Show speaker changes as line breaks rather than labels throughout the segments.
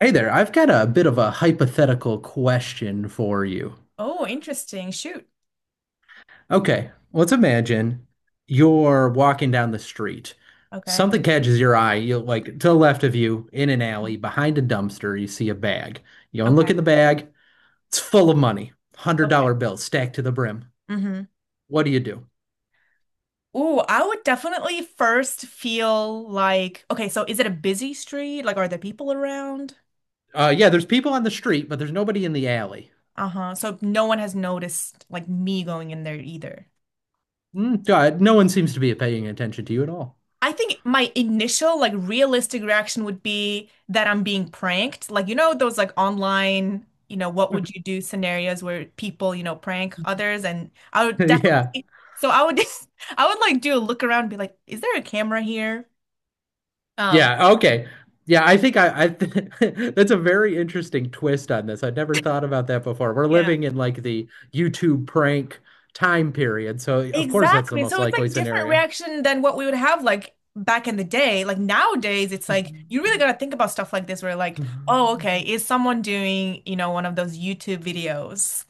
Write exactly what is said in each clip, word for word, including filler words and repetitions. Hey there, I've got a bit of a hypothetical question for you.
Oh, interesting. Shoot.
Okay, let's imagine you're walking down the street.
Okay.
Something catches your eye. You like to the left of you in an alley behind a dumpster, you see a bag. You go and look
Okay.
at the bag. It's full of money.
Okay.
one hundred dollar bills stacked to the brim.
Mm-hmm.
What do you do?
Ooh, I would definitely first feel like, okay, so is it a busy street? Like, are there people around?
Uh yeah, there's people on the street, but there's nobody in the alley.
Uh-huh. So no one has noticed like me going in there either.
Mm, God, no one seems to be paying attention to you at all.
I think my initial like realistic reaction would be that I'm being pranked. Like, you know, those like online, you know, what would you do scenarios where people, you know, prank others and I would
Yeah.
definitely so I would just I would like do a look around and be like, is there a camera here? Um,
Yeah, okay. Yeah, I think I, I th That's a very interesting twist on this. I'd never thought about that before. We're
yeah.
living in like the YouTube prank time period, so of course that's the
Exactly.
most
So it's
likely
like different
scenario.
reaction than what we would have like back in the day. Like nowadays it's like you really gotta think about stuff like this where like, oh,
Hmm.
okay, is someone doing, you know, one of those YouTube videos?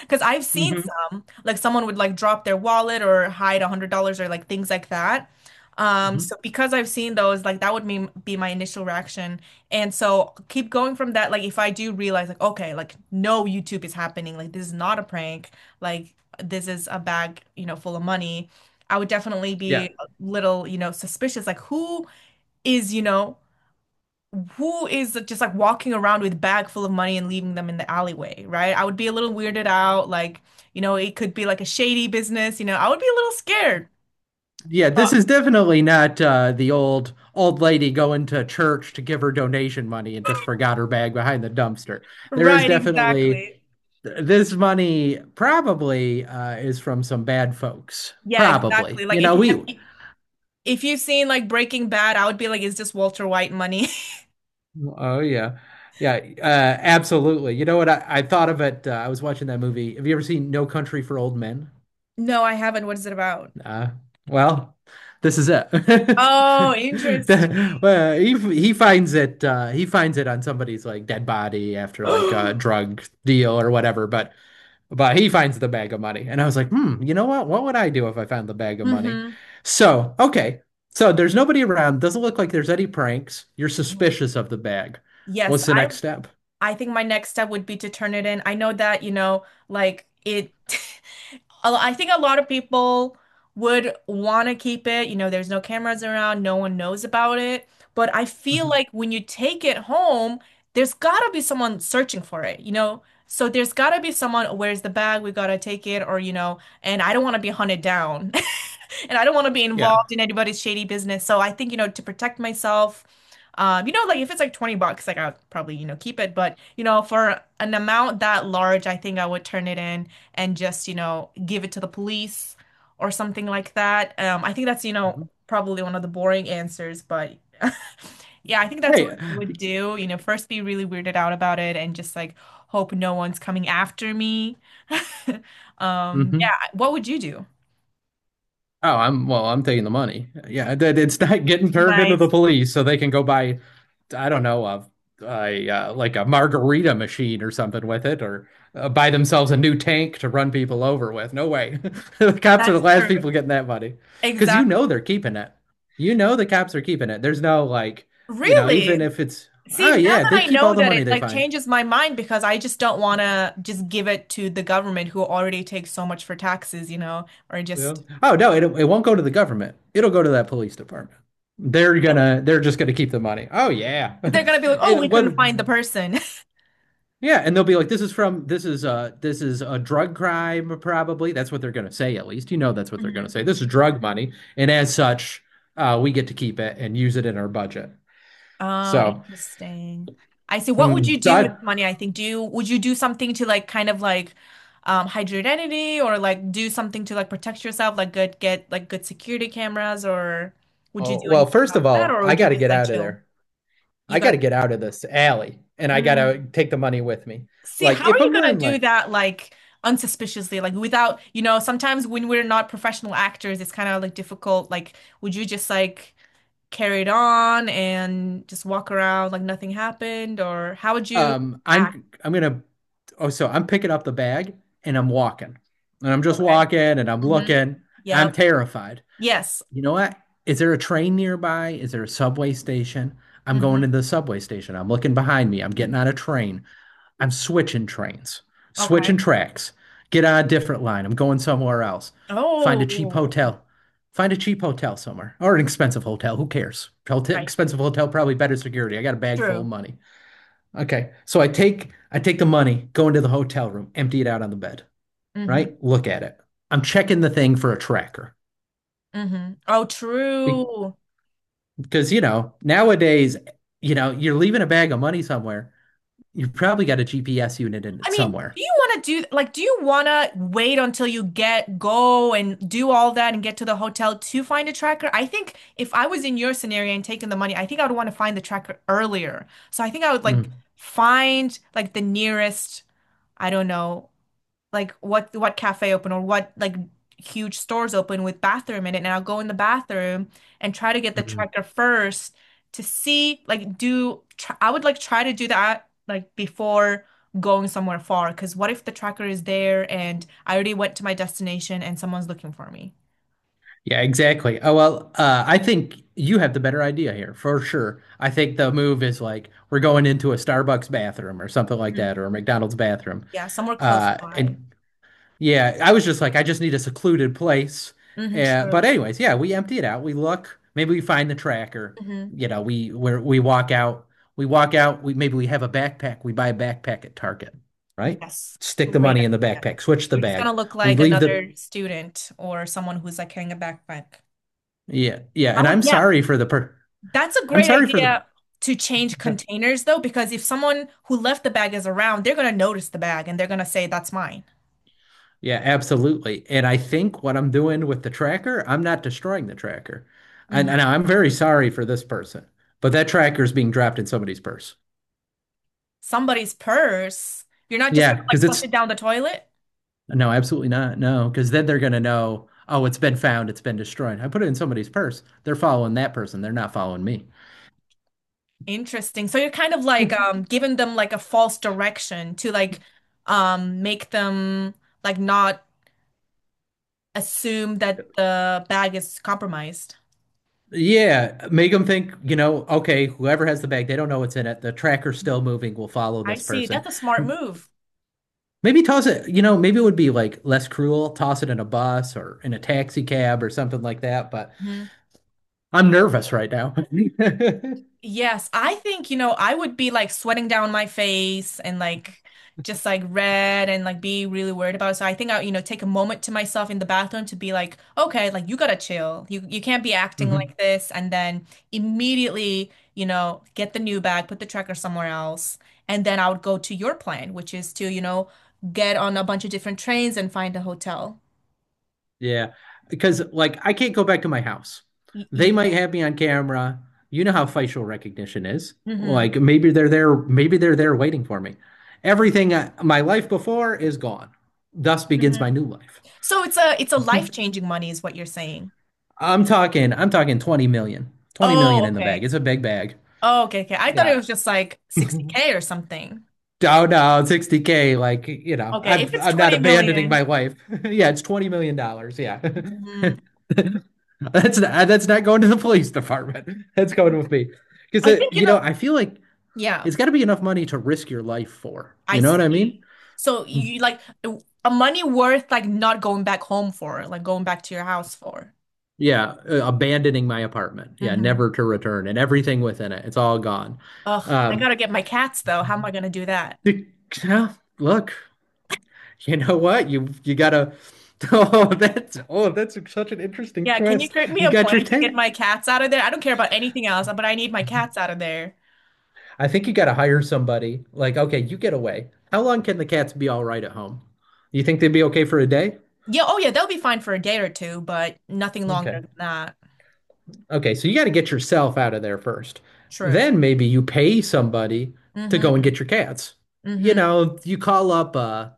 Because I've seen
Hmm.
some, like someone would like drop their wallet or hide a hundred dollars or like things like that. Um, so because I've seen those, like that would be be my initial reaction. And so keep going from that. Like if I do realize, like, okay, like no YouTube is happening, like this is not a prank, like this is a bag, you know, full of money. I would definitely
Yeah.
be a little, you know, suspicious, like who is, you know, who is just like walking around with bag full of money and leaving them in the alleyway, right? I would be a little weirded out, like, you know, it could be like a shady business, you know, I would be a little scared.
Yeah,
Uh,
this is definitely not uh, the old old lady going to church to give her donation money and just forgot her bag behind the dumpster. There is
Right,
definitely
exactly.
this money probably uh, is from some bad folks.
Yeah, exactly.
Probably,
Like
you
if
know,
you
we.
have if you've seen like Breaking Bad, I would be like, is this Walter White money?
Oh yeah, yeah, uh, absolutely. You know what? I, I thought of it. Uh, I was watching that movie. Have you ever seen No Country for Old Men?
No, I haven't. What is it about?
Uh, well, this is it.
Oh,
The-
interesting.
well, he he finds it uh, he finds it on somebody's like dead body after like a
Hmm.
drug deal or whatever, but but he finds the bag of money. And I was like, hmm, you know what? What would I do if I found the bag of money? So, okay. So there's nobody around. Doesn't look like there's any pranks. You're suspicious of the bag.
Yes,
What's the next
I'm
step?
I think my next step would be to turn it in. I know that, you know, like it a- I think a lot of people would want to keep it. You know, there's no cameras around, no one knows about it. But I feel
Mhm.
like when you take it home, there's gotta be someone searching for it, you know? So there's gotta be someone, where's the bag? We gotta take it, or, you know, and I don't want to be hunted down. And I don't want to be
Yeah.
involved in anybody's shady business. So I think, you know, to protect myself, um, you know, like if it's like twenty bucks, like I'll probably, you know, keep it. But, you know, for an amount that large, I think I would turn it in and just, you know, give it to the police or something like that. Um, I think that's, you know,
Mhm.
probably one of the boring answers, but yeah, I think that's what
Hey.
I would do. You know, first be really weirded out about it and just like hope no one's coming after me. Um, yeah,
Mhm.
what would you do?
Oh, I'm well, I'm taking the money. Yeah, that it's not getting turned into
Nice.
the police so they can go buy, I don't know, a, a uh, like a margarita machine or something with it, or uh, buy themselves a new tank to run people over with. No way. The cops are
That's
the last
true.
people getting that money because you
Exactly.
know they're keeping it. You know the cops are keeping it. There's no like, you know,
Really?
even if it's,
See,
oh
now
yeah,
that
they
I
keep all
know
the
that
money
it
they
like
find.
changes my mind because I just don't want to just give it to the government who already takes so much for taxes, you know, or
Yeah.
just
Oh no, it it won't go to the government. It'll go to that police department. They're gonna they're just gonna keep the money. Oh yeah.
They're gonna be like, oh,
It
we couldn't
what
find the person.
yeah, and they'll be like, this is from this is uh this is a drug crime, probably. That's what they're gonna say, at least. You know that's what they're gonna
Mhm.
say. This is drug money, and as such, uh we get to keep it and use it in our budget.
Oh,
So,
interesting. I see. What would
hmm,
you
so
do with
I,
money? I think. Do you would you do something to like kind of like um hide your identity or like do something to like protect yourself, like good get like good security cameras or would you
oh,
do
well,
anything
first
about
of
that
all,
or
I
would you
gotta
just
get
like
out of
chill?
there.
You
I
got
gotta get out of this alley and I gotta take the money with me.
See,
Like
how are
if
you
I'm
gonna
wearing
do
like
that like unsuspiciously? Like without, you know, sometimes when we're not professional actors, it's kind of like difficult. Like, would you just like carry it on and just walk around like nothing happened? Or how would you
um,
act?
I'm I'm gonna Oh, so I'm picking up the bag and I'm walking and I'm just
Okay.
walking and I'm
Mm-hmm.
looking. I'm
Yep.
terrified.
Yes.
You know what? Is there a train nearby? Is there a subway station? I'm going to
Mm-hmm.
the subway station. I'm looking behind me. I'm getting on a train. I'm switching trains,
Okay.
switching tracks. Get on a different line. I'm going somewhere else. Find a cheap
Oh,
hotel. Find a cheap hotel somewhere or an expensive hotel. Who cares? Hotel,
right.
expensive hotel, probably better security. I got a bag full of
True.
money. Okay. So I take I take the money, go into the hotel room, empty it out on the bed,
Mm-hmm.
right? Look at it. I'm checking the thing for a tracker.
Mm-hmm. Oh,
Be-
true.
Because, you know, nowadays, you know, you're leaving a bag of money somewhere. You've probably got a G P S unit in
I
it
mean, do
somewhere.
you want to do like do you want to wait until you get go and do all that and get to the hotel to find a tracker? I think if I was in your scenario and taking the money, I think I would want to find the tracker earlier. So I think I would like
Mm,
find like the nearest, I don't know, like what what cafe open or what like huge stores open with bathroom in it and I'll go in the bathroom and try to get the
mm.
tracker first to see like do tr I would like try to do that like before going somewhere far because what if the tracker is there and I already went to my destination and someone's looking for me.
Yeah, exactly. Oh, well, uh, I think you have the better idea here for sure. I think the move is like we're going into a Starbucks bathroom or something like
Mhm.
that, or a McDonald's bathroom,
Yeah, somewhere close
uh,
by.
and Yeah, I was just like, I just need a secluded place.
Hmm.
Uh, but
True.
anyways, yeah, we empty it out. We look, maybe we find the tracker.
Hmm.
You know, we where we walk out, we walk out. We maybe we have a backpack. We buy a backpack at Target, right?
Yes,
Stick the
great
money in the
idea.
backpack. Switch the
You're just gonna
bag.
look
We
like
leave the
another student or someone who's like carrying a backpack.
yeah yeah.
I
And
would,
I'm
yeah,
sorry for the per.
that's a
I'm
great
sorry for the
idea to change containers though, because if someone who left the bag is around, they're gonna notice the bag and they're gonna say, that's mine.
yeah, absolutely. And I think what I'm doing with the tracker, I'm not destroying the tracker. And,
Mhm.
and I'm very sorry for this person, but that tracker is being dropped in somebody's purse.
Somebody's purse. You're not just
Yeah,
gonna like
because
flush
it's
it down the toilet.
no, absolutely not. No, because then they're gonna know, oh, it's been found, it's been destroyed. I put it in somebody's purse. They're following that person. They're not following me.
Interesting. So you're kind of like um giving them like a false direction to like um make them like not assume that the bag is compromised.
Yeah, make them think, you know, okay, whoever has the bag, they don't know what's in it. The tracker's
Mhm.
still moving, we will follow
I
this
see.
person.
That's a smart
M-
move.
Maybe toss it, you know, maybe it would be like less cruel, toss it in a bus or in a taxi cab or something like that, but I'm nervous right now.
Yes, I think, you know, I would be like sweating down my face and like just like red and like be really worried about it. So I think I, you know, take a moment to myself in the bathroom to be like, okay, like you gotta chill. You you can't be acting like
Mhm.
this and then immediately, you know, get the new bag, put the tracker somewhere else. And then I would go to your plan, which is to, you know, get on a bunch of different trains and find a hotel.
Yeah, because like I can't go back to my house.
Y- You,
They might
can.
have me on camera. You know how facial recognition is.
Hmm.
Like maybe they're there, maybe they're there waiting for me. Everything I, my life before is gone. Thus begins my
Hmm.
new life.
So it's a it's a life-changing money is what you're saying.
I'm talking, I'm talking twenty million. twenty million
Oh,
in the bag.
okay.
It's a big bag.
Oh, okay, okay. I thought it
Yeah.
was just like sixty k or something.
Down, down, sixty K. Like, you know,
Okay,
I'm
if it's
I'm not
20
abandoning my
million,
wife. Yeah, it's twenty million dollars. Yeah.
mm,
That's not, that's not going to the police department. That's going with me.
I
Because,
think, you
you know,
know,
I feel like
yeah,
it's got to be enough money to risk your life for.
I
You know what I mean?
see. So you like a money worth like not going back home for, like going back to your house for.
Yeah, uh, abandoning my apartment. Yeah,
Mm-hmm.
never to return and everything within it. It's all gone.
Ugh, I
Um,
gotta get my cats though. How am I gonna do that?
yeah, look, you know what? You you gotta. Oh, that's oh, that's such an interesting
Yeah, can you
twist.
create me
You
a
got your
plan to get
ten.
my cats out of there? I don't care about anything else, but I need my cats out of there.
I think you got to hire somebody. Like, okay, you get away. How long can the cats be all right at home? You think they'd be okay for a day?
Yeah, oh yeah, they'll be fine for a day or two, but nothing longer
Okay.
than that.
Okay, so you got to get yourself out of there first.
True.
Then maybe you pay somebody to go and
Mm-hmm.
get your cats. You
Mm-hmm.
know, you call up a,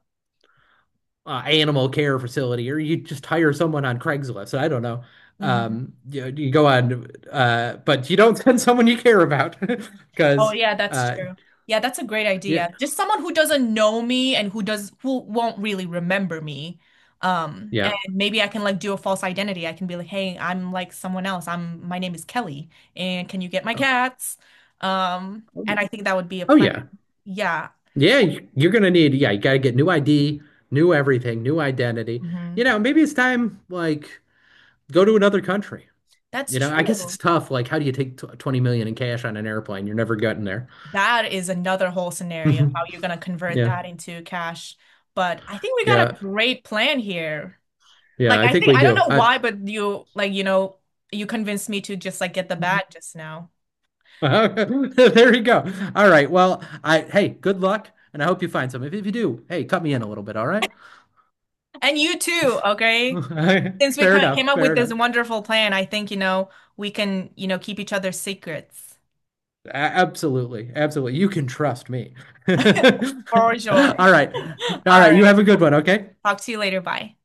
a animal care facility or you just hire someone on Craigslist. I don't know.
Mm-hmm.
Um, you, you go on, uh, but you don't send someone you care about
Oh
because,
yeah, that's
uh,
true. Yeah, that's a great
yeah,
idea. Just someone who doesn't know me and who does who won't really remember me. Um, and
yeah.
maybe I can like do a false identity. I can be like, "Hey, I'm like someone else. I'm my name is Kelly, and can you get my cats?" Um,
Oh,
and
yeah.
I think that would be a
Oh
plan.
yeah.
Yeah.
Yeah, you- you're gonna need, yeah, you gotta get new I D, new everything, new identity.
Hmm.
You know, maybe it's time like go to another country.
That's
You know, I guess it's
true.
tough. Like, how do you take tw twenty million in cash on an airplane? You're never getting there.
That is another whole scenario, how
Mhm.
you're gonna convert
Yeah,
that into cash. But I think we got
yeah,
a great plan here.
yeah.
Like
I
I
think
think
we
I don't
do.
know
I,
why, but you like you know you convinced me to just like get the bat just now,
there you go. All right. Well, I hey, good luck, and I hope you find some. If, if you do, hey, cut me in a little bit. All right.
and you too. Okay, since we
Fair
ca- came
enough.
up
Fair
with this
enough.
wonderful plan, I think you know we can you know keep each other's secrets
A- Absolutely. Absolutely. You can trust me. All
for sure.
right. All
All
right. You
right,
have a good one, okay?
talk to you later. Bye.